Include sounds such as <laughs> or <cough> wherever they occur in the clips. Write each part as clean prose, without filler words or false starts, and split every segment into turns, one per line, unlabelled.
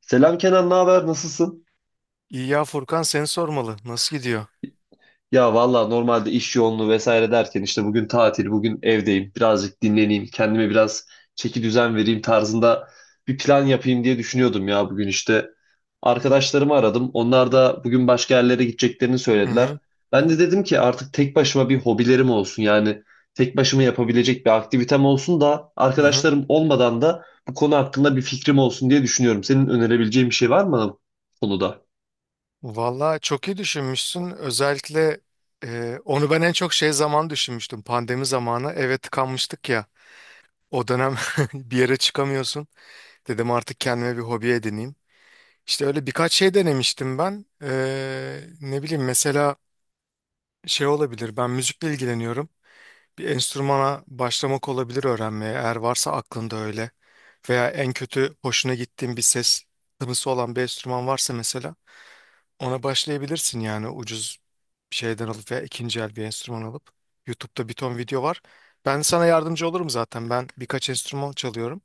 Selam Kenan, ne haber? Nasılsın?
İyi ya Furkan seni sormalı. Nasıl gidiyor?
Ya valla normalde iş yoğunluğu vesaire derken işte bugün tatil, bugün evdeyim. Birazcık dinleneyim, kendime biraz çeki düzen vereyim tarzında bir plan yapayım diye düşünüyordum ya bugün işte. Arkadaşlarımı aradım. Onlar da bugün başka yerlere gideceklerini
Hı
söylediler.
hı,
Ben de dedim ki artık tek başıma bir hobilerim olsun. Yani tek başıma yapabilecek bir aktivitem olsun da
hı hı.
arkadaşlarım olmadan da bu konu hakkında bir fikrim olsun diye düşünüyorum. Senin önerebileceğin bir şey var mı bana bu konuda?
Valla çok iyi düşünmüşsün. Özellikle onu ben en çok şey zaman düşünmüştüm. Pandemi zamanı eve tıkanmıştık ya. O dönem <laughs> bir yere çıkamıyorsun. Dedim artık kendime bir hobi edineyim. İşte öyle birkaç şey denemiştim ben. Ne bileyim mesela şey olabilir. Ben müzikle ilgileniyorum. Bir enstrümana başlamak olabilir öğrenmeye. Eğer varsa aklında öyle. Veya en kötü hoşuna gittiğin bir ses tınısı olan bir enstrüman varsa mesela ona başlayabilirsin yani ucuz bir şeyden alıp veya ikinci el bir enstrüman alıp. YouTube'da bir ton video var. Ben sana yardımcı olurum zaten. Ben birkaç enstrüman çalıyorum.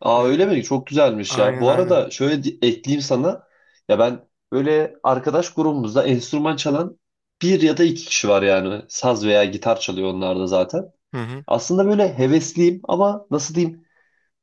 Aa öyle
Ee,
mi? Çok güzelmiş ya.
aynen
Bu
aynen.
arada şöyle ekleyeyim sana. Ya ben böyle arkadaş grubumuzda enstrüman çalan bir ya da iki kişi var yani. Saz veya gitar çalıyor onlar da zaten.
Hı hı.
Aslında böyle hevesliyim ama nasıl diyeyim?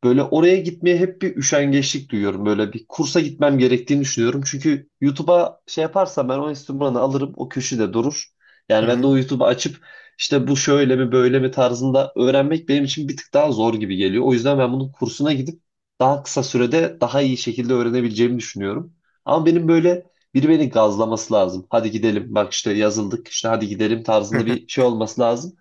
Böyle oraya gitmeye hep bir üşengeçlik duyuyorum. Böyle bir kursa gitmem gerektiğini düşünüyorum. Çünkü YouTube'a şey yaparsam ben o enstrümanı alırım, o köşede durur.
Hı
Yani ben de
hı.
o YouTube'u açıp işte bu şöyle mi böyle mi tarzında öğrenmek benim için bir tık daha zor gibi geliyor. O yüzden ben bunun kursuna gidip daha kısa sürede daha iyi şekilde öğrenebileceğimi düşünüyorum. Ama benim böyle biri beni gazlaması lazım. Hadi gidelim. Bak işte yazıldık. İşte hadi gidelim tarzında bir
<laughs>
şey olması lazım.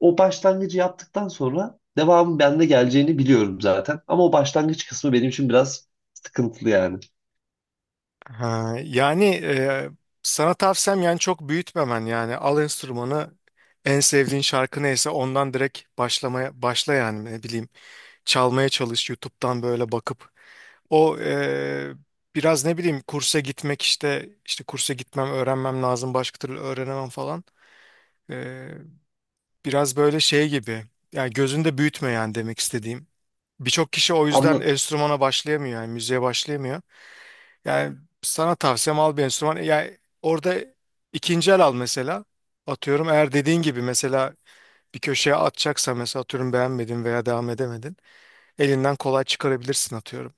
O başlangıcı yaptıktan sonra devamın bende geleceğini biliyorum zaten. Ama o başlangıç kısmı benim için biraz sıkıntılı yani.
Ha, yani sana tavsiyem yani çok büyütmemen yani al enstrümanı en sevdiğin şarkı neyse ondan direkt başlamaya başla yani ne bileyim çalmaya çalış YouTube'dan böyle bakıp o biraz ne bileyim kursa gitmek işte kursa gitmem öğrenmem lazım başka türlü öğrenemem falan. Eee, Biraz böyle şey gibi yani gözünde büyütme yani demek istediğim. Birçok kişi o
Anla,
yüzden enstrümana başlayamıyor yani müziğe başlayamıyor. Yani sana tavsiyem al bir enstrüman. Yani orada ikinci el al mesela. Atıyorum eğer dediğin gibi mesela bir köşeye atacaksa mesela atıyorum beğenmedin veya devam edemedin. Elinden kolay çıkarabilirsin atıyorum.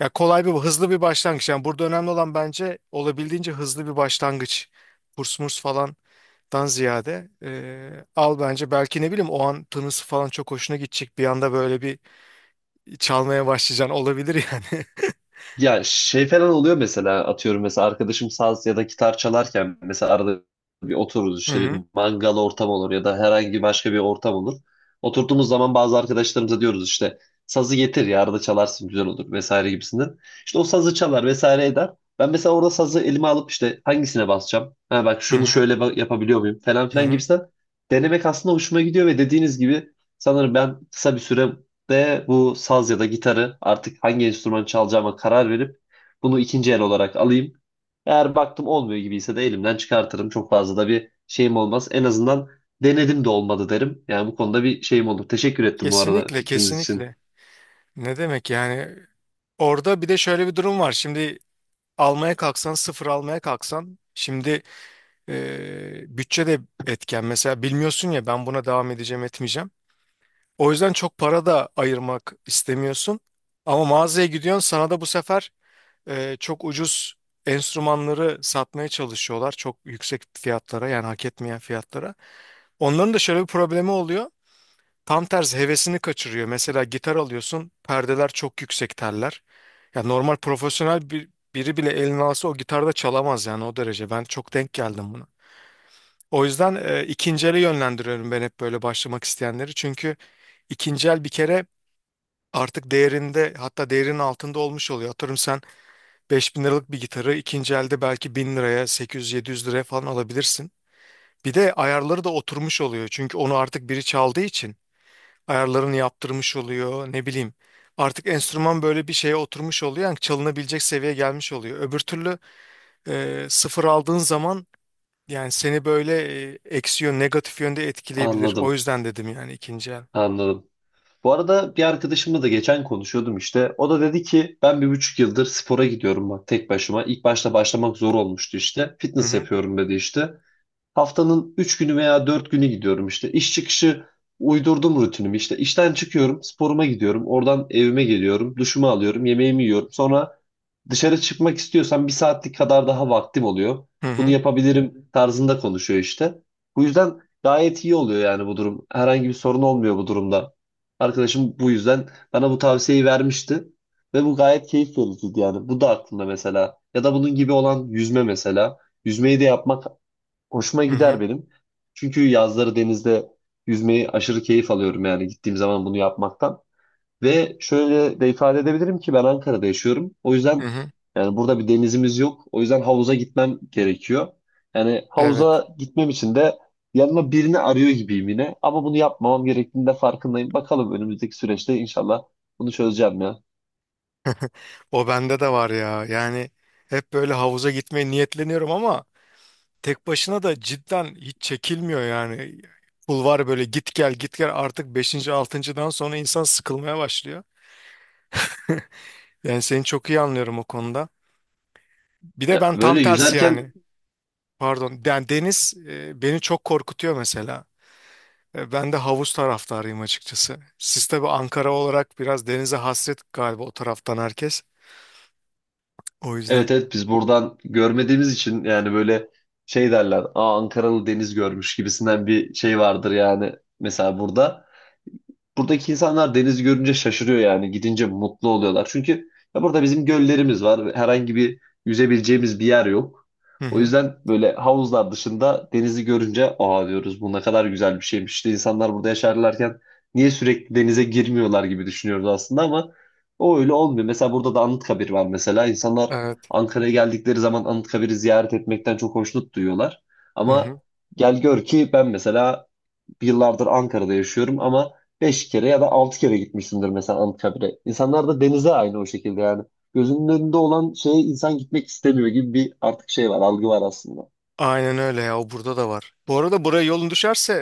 Ya kolay bir hızlı bir başlangıç. Yani burada önemli olan bence olabildiğince hızlı bir başlangıç. Kurs murs falandan ziyade al bence belki ne bileyim o an tınısı falan çok hoşuna gidecek. Bir anda böyle bir çalmaya başlayacaksın olabilir yani.
Ya şey falan oluyor mesela atıyorum mesela arkadaşım saz ya da gitar çalarken mesela arada bir otururuz
<laughs> Hı
işte bir
hı,
mangal ortam olur ya da herhangi başka bir ortam olur. Oturduğumuz zaman bazı arkadaşlarımıza diyoruz işte sazı getir ya arada çalarsın güzel olur vesaire gibisinden. İşte o sazı çalar vesaire eder. Ben mesela orada sazı elime alıp işte hangisine basacağım? Ha bak
hı
şunu
hı,
şöyle yapabiliyor muyum falan
hı
filan
hı.
gibisinden denemek aslında hoşuma gidiyor ve dediğiniz gibi sanırım ben kısa bir süre de bu saz ya da gitarı artık hangi enstrüman çalacağıma karar verip bunu ikinci el olarak alayım. Eğer baktım olmuyor gibiyse de elimden çıkartırım. Çok fazla da bir şeyim olmaz. En azından denedim de olmadı derim. Yani bu konuda bir şeyim olur. Teşekkür ettim bu arada
Kesinlikle
fikriniz için.
kesinlikle. Ne demek yani orada bir de şöyle bir durum var. Şimdi almaya kalksan sıfır almaya kalksan şimdi bütçe de etken. Mesela bilmiyorsun ya ben buna devam edeceğim etmeyeceğim. O yüzden çok para da ayırmak istemiyorsun. Ama mağazaya gidiyorsun sana da bu sefer çok ucuz enstrümanları satmaya çalışıyorlar. Çok yüksek fiyatlara yani hak etmeyen fiyatlara. Onların da şöyle bir problemi oluyor. Tam tersi hevesini kaçırıyor. Mesela gitar alıyorsun perdeler çok yüksek teller. Ya normal profesyonel biri bile elini alsa o gitarda çalamaz yani o derece. Ben çok denk geldim buna. O yüzden ikinci ele yönlendiriyorum ben hep böyle başlamak isteyenleri. Çünkü ikinci el bir kere artık değerinde hatta değerinin altında olmuş oluyor. Atıyorum sen 5.000 liralık bir gitarı ikinci elde belki 1.000 liraya 800-700 liraya falan alabilirsin. Bir de ayarları da oturmuş oluyor. Çünkü onu artık biri çaldığı için ayarlarını yaptırmış oluyor ne bileyim. Artık enstrüman böyle bir şeye oturmuş oluyor. Yani çalınabilecek seviyeye gelmiş oluyor. Öbür türlü sıfır aldığın zaman yani seni böyle eksi yön negatif yönde etkileyebilir. O
Anladım,
yüzden dedim yani ikinci el.
anladım. Bu arada bir arkadaşımla da geçen konuşuyordum işte. O da dedi ki ben 1,5 yıldır spora gidiyorum bak tek başıma. İlk başta başlamak zor olmuştu işte.
Hı
Fitness
hı.
yapıyorum dedi işte. Haftanın 3 günü veya 4 günü gidiyorum işte. İş çıkışı uydurdum rutinimi işte. İşten çıkıyorum, sporuma gidiyorum. Oradan evime geliyorum, duşumu alıyorum, yemeğimi yiyorum. Sonra dışarı çıkmak istiyorsam bir saatlik kadar daha vaktim oluyor.
Hı
Bunu
hı.
yapabilirim tarzında konuşuyor işte. Bu yüzden gayet iyi oluyor yani bu durum. Herhangi bir sorun olmuyor bu durumda. Arkadaşım bu yüzden bana bu tavsiyeyi vermişti. Ve bu gayet keyif vericiydi yani. Bu da aklımda mesela. Ya da bunun gibi olan yüzme mesela. Yüzmeyi de yapmak hoşuma
Hı
gider
hı.
benim. Çünkü yazları denizde yüzmeyi aşırı keyif alıyorum yani gittiğim zaman bunu yapmaktan. Ve şöyle de ifade edebilirim ki ben Ankara'da yaşıyorum. O
Hı
yüzden
hı.
yani burada bir denizimiz yok. O yüzden havuza gitmem gerekiyor. Yani
Evet.
havuza gitmem için de yanıma birini arıyor gibiyim yine. Ama bunu yapmamam gerektiğinde farkındayım. Bakalım önümüzdeki süreçte inşallah bunu çözeceğim ya.
O bende de var ya. Yani hep böyle havuza gitmeye niyetleniyorum ama tek başına da cidden hiç çekilmiyor yani. Pul var böyle git gel git gel artık beşinci altıncıdan sonra insan sıkılmaya başlıyor. Yani seni çok iyi anlıyorum o konuda. Bir de
Ya
ben tam
böyle
tersi
yüzerken.
yani. Pardon. Yani deniz beni çok korkutuyor mesela. Ben de havuz taraftarıyım açıkçası. Siz tabii Ankara olarak biraz denize hasret galiba o taraftan herkes. O yüzden.
Evet, evet biz buradan görmediğimiz için yani böyle şey derler. Aa Ankaralı deniz görmüş gibisinden bir şey vardır yani mesela burada buradaki insanlar denizi görünce şaşırıyor yani. Gidince mutlu oluyorlar. Çünkü ya burada bizim göllerimiz var. Ve Herhangi bir yüzebileceğimiz bir yer yok.
Hı
O
hı.
yüzden böyle havuzlar dışında denizi görünce aa diyoruz bu ne kadar güzel bir şeymiş. İşte insanlar burada yaşarlarken niye sürekli denize girmiyorlar gibi düşünüyoruz aslında ama o öyle olmuyor. Mesela burada da Anıtkabir var mesela. İnsanlar
Evet.
Ankara'ya geldikleri zaman Anıtkabir'i ziyaret etmekten çok hoşnut duyuyorlar.
Hı
Ama
hı.
gel gör ki ben mesela bir yıllardır Ankara'da yaşıyorum ama 5 kere ya da 6 kere gitmişsindir mesela Anıtkabir'e. İnsanlar da denize aynı o şekilde yani. Gözünün önünde olan şeye insan gitmek istemiyor gibi bir artık şey var, algı var aslında.
Aynen öyle ya. O burada da var. Bu arada buraya yolun düşerse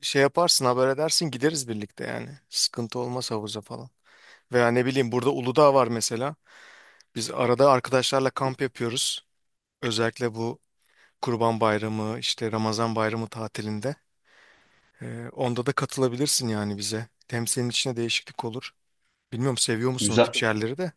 şey yaparsın haber edersin gideriz birlikte yani. Sıkıntı olmaz havuza falan. Veya ne bileyim burada Uludağ var mesela. Biz arada arkadaşlarla kamp yapıyoruz. Özellikle bu Kurban Bayramı işte Ramazan Bayramı tatilinde. Onda da katılabilirsin yani bize. Hem senin içine değişiklik olur. Bilmiyorum seviyor musun o
Güzel.
tip yerleri de?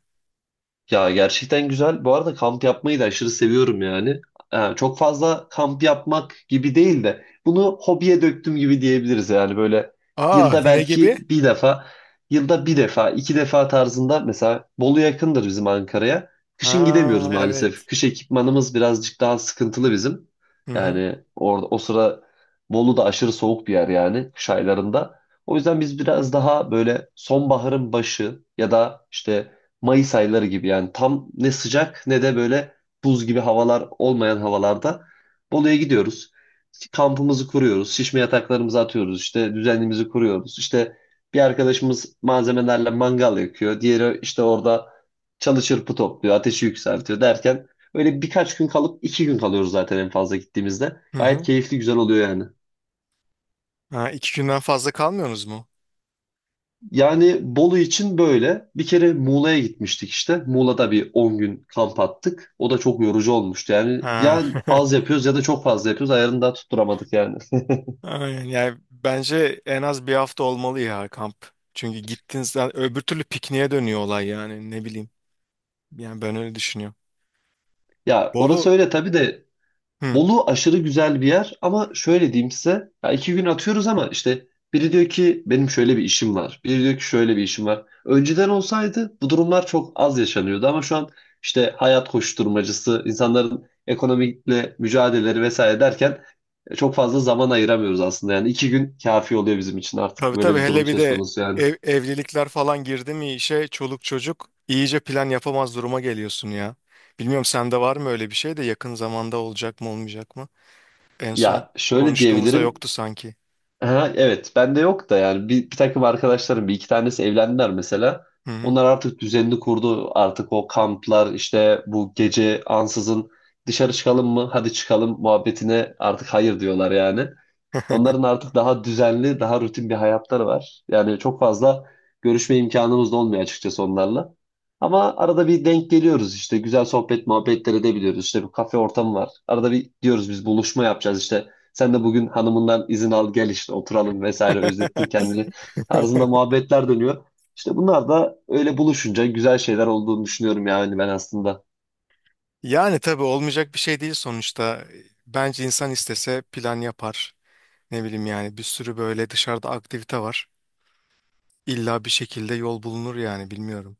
Ya gerçekten güzel. Bu arada kamp yapmayı da aşırı seviyorum yani. Çok fazla kamp yapmak gibi değil de bunu hobiye döktüm gibi diyebiliriz yani böyle
Aa <laughs>
yılda
ne
belki
gibi?
bir defa, yılda bir defa, iki defa tarzında mesela Bolu yakındır bizim Ankara'ya. Kışın gidemiyoruz
Ha,
maalesef.
evet.
Kış ekipmanımız birazcık daha sıkıntılı bizim.
Hı hı.
Yani orada o sıra Bolu da aşırı soğuk bir yer yani kış aylarında. O yüzden biz biraz daha böyle sonbaharın başı ya da işte Mayıs ayları gibi yani tam ne sıcak ne de böyle buz gibi havalar olmayan havalarda Bolu'ya gidiyoruz. Kampımızı kuruyoruz, şişme yataklarımızı atıyoruz, işte düzenimizi kuruyoruz. İşte bir arkadaşımız malzemelerle mangal yakıyor, diğeri işte orada çalı çırpı topluyor, ateşi yükseltiyor derken öyle birkaç gün kalıp 2 gün kalıyoruz zaten en fazla gittiğimizde.
Hı
Gayet
hı.
keyifli güzel oluyor yani.
Ha, iki günden fazla kalmıyorsunuz mu?
Yani Bolu için böyle. Bir kere Muğla'ya gitmiştik işte. Muğla'da bir 10 gün kamp attık. O da çok yorucu olmuştu. Yani
Ha.
ya az
<laughs>
yapıyoruz ya da çok fazla yapıyoruz. Ayarını da tutturamadık yani.
Aynen. Yani bence en az bir hafta olmalı ya kamp. Çünkü gittiğinizde öbür türlü pikniğe dönüyor olay yani ne bileyim. Yani ben öyle düşünüyorum.
Ya orası
Bolu.
öyle tabii de
Hı.
Bolu aşırı güzel bir yer ama şöyle diyeyim size. Ya 2 gün atıyoruz ama işte biri diyor ki benim şöyle bir işim var. Biri diyor ki şöyle bir işim var. Önceden olsaydı bu durumlar çok az yaşanıyordu ama şu an işte hayat koşturmacısı, insanların ekonomikle mücadeleleri vesaire derken çok fazla zaman ayıramıyoruz aslında. Yani 2 gün kafi oluyor bizim için artık
Tabii
böyle
tabii
bir durum
hele bir
söz
de
konusu yani.
evlilikler falan girdi mi işe çoluk çocuk iyice plan yapamaz duruma geliyorsun ya. Bilmiyorum sende var mı öyle bir şey de yakın zamanda olacak mı olmayacak mı? En son
Ya şöyle
konuştuğumuzda
diyebilirim.
yoktu sanki.
Ha, evet bende yok da yani bir takım arkadaşlarım bir iki tanesi evlendiler mesela.
Hı hı.
Onlar artık düzenini kurdu. Artık o kamplar işte bu gece ansızın dışarı çıkalım mı? Hadi çıkalım muhabbetine artık hayır diyorlar yani. Onların artık daha düzenli, daha rutin bir hayatları var. Yani çok fazla görüşme imkanımız da olmuyor açıkçası onlarla. Ama arada bir denk geliyoruz işte güzel sohbet muhabbetler edebiliyoruz. İşte bir kafe ortamı var. Arada bir diyoruz biz buluşma yapacağız işte. Sen de bugün hanımından izin al gel işte oturalım vesaire özlettin
<laughs>
kendini tarzında muhabbetler dönüyor. İşte bunlar da öyle buluşunca güzel şeyler olduğunu düşünüyorum yani ben aslında.
Yani tabii olmayacak bir şey değil sonuçta. Bence insan istese plan yapar. Ne bileyim yani bir sürü böyle dışarıda aktivite var. İlla bir şekilde yol bulunur yani bilmiyorum.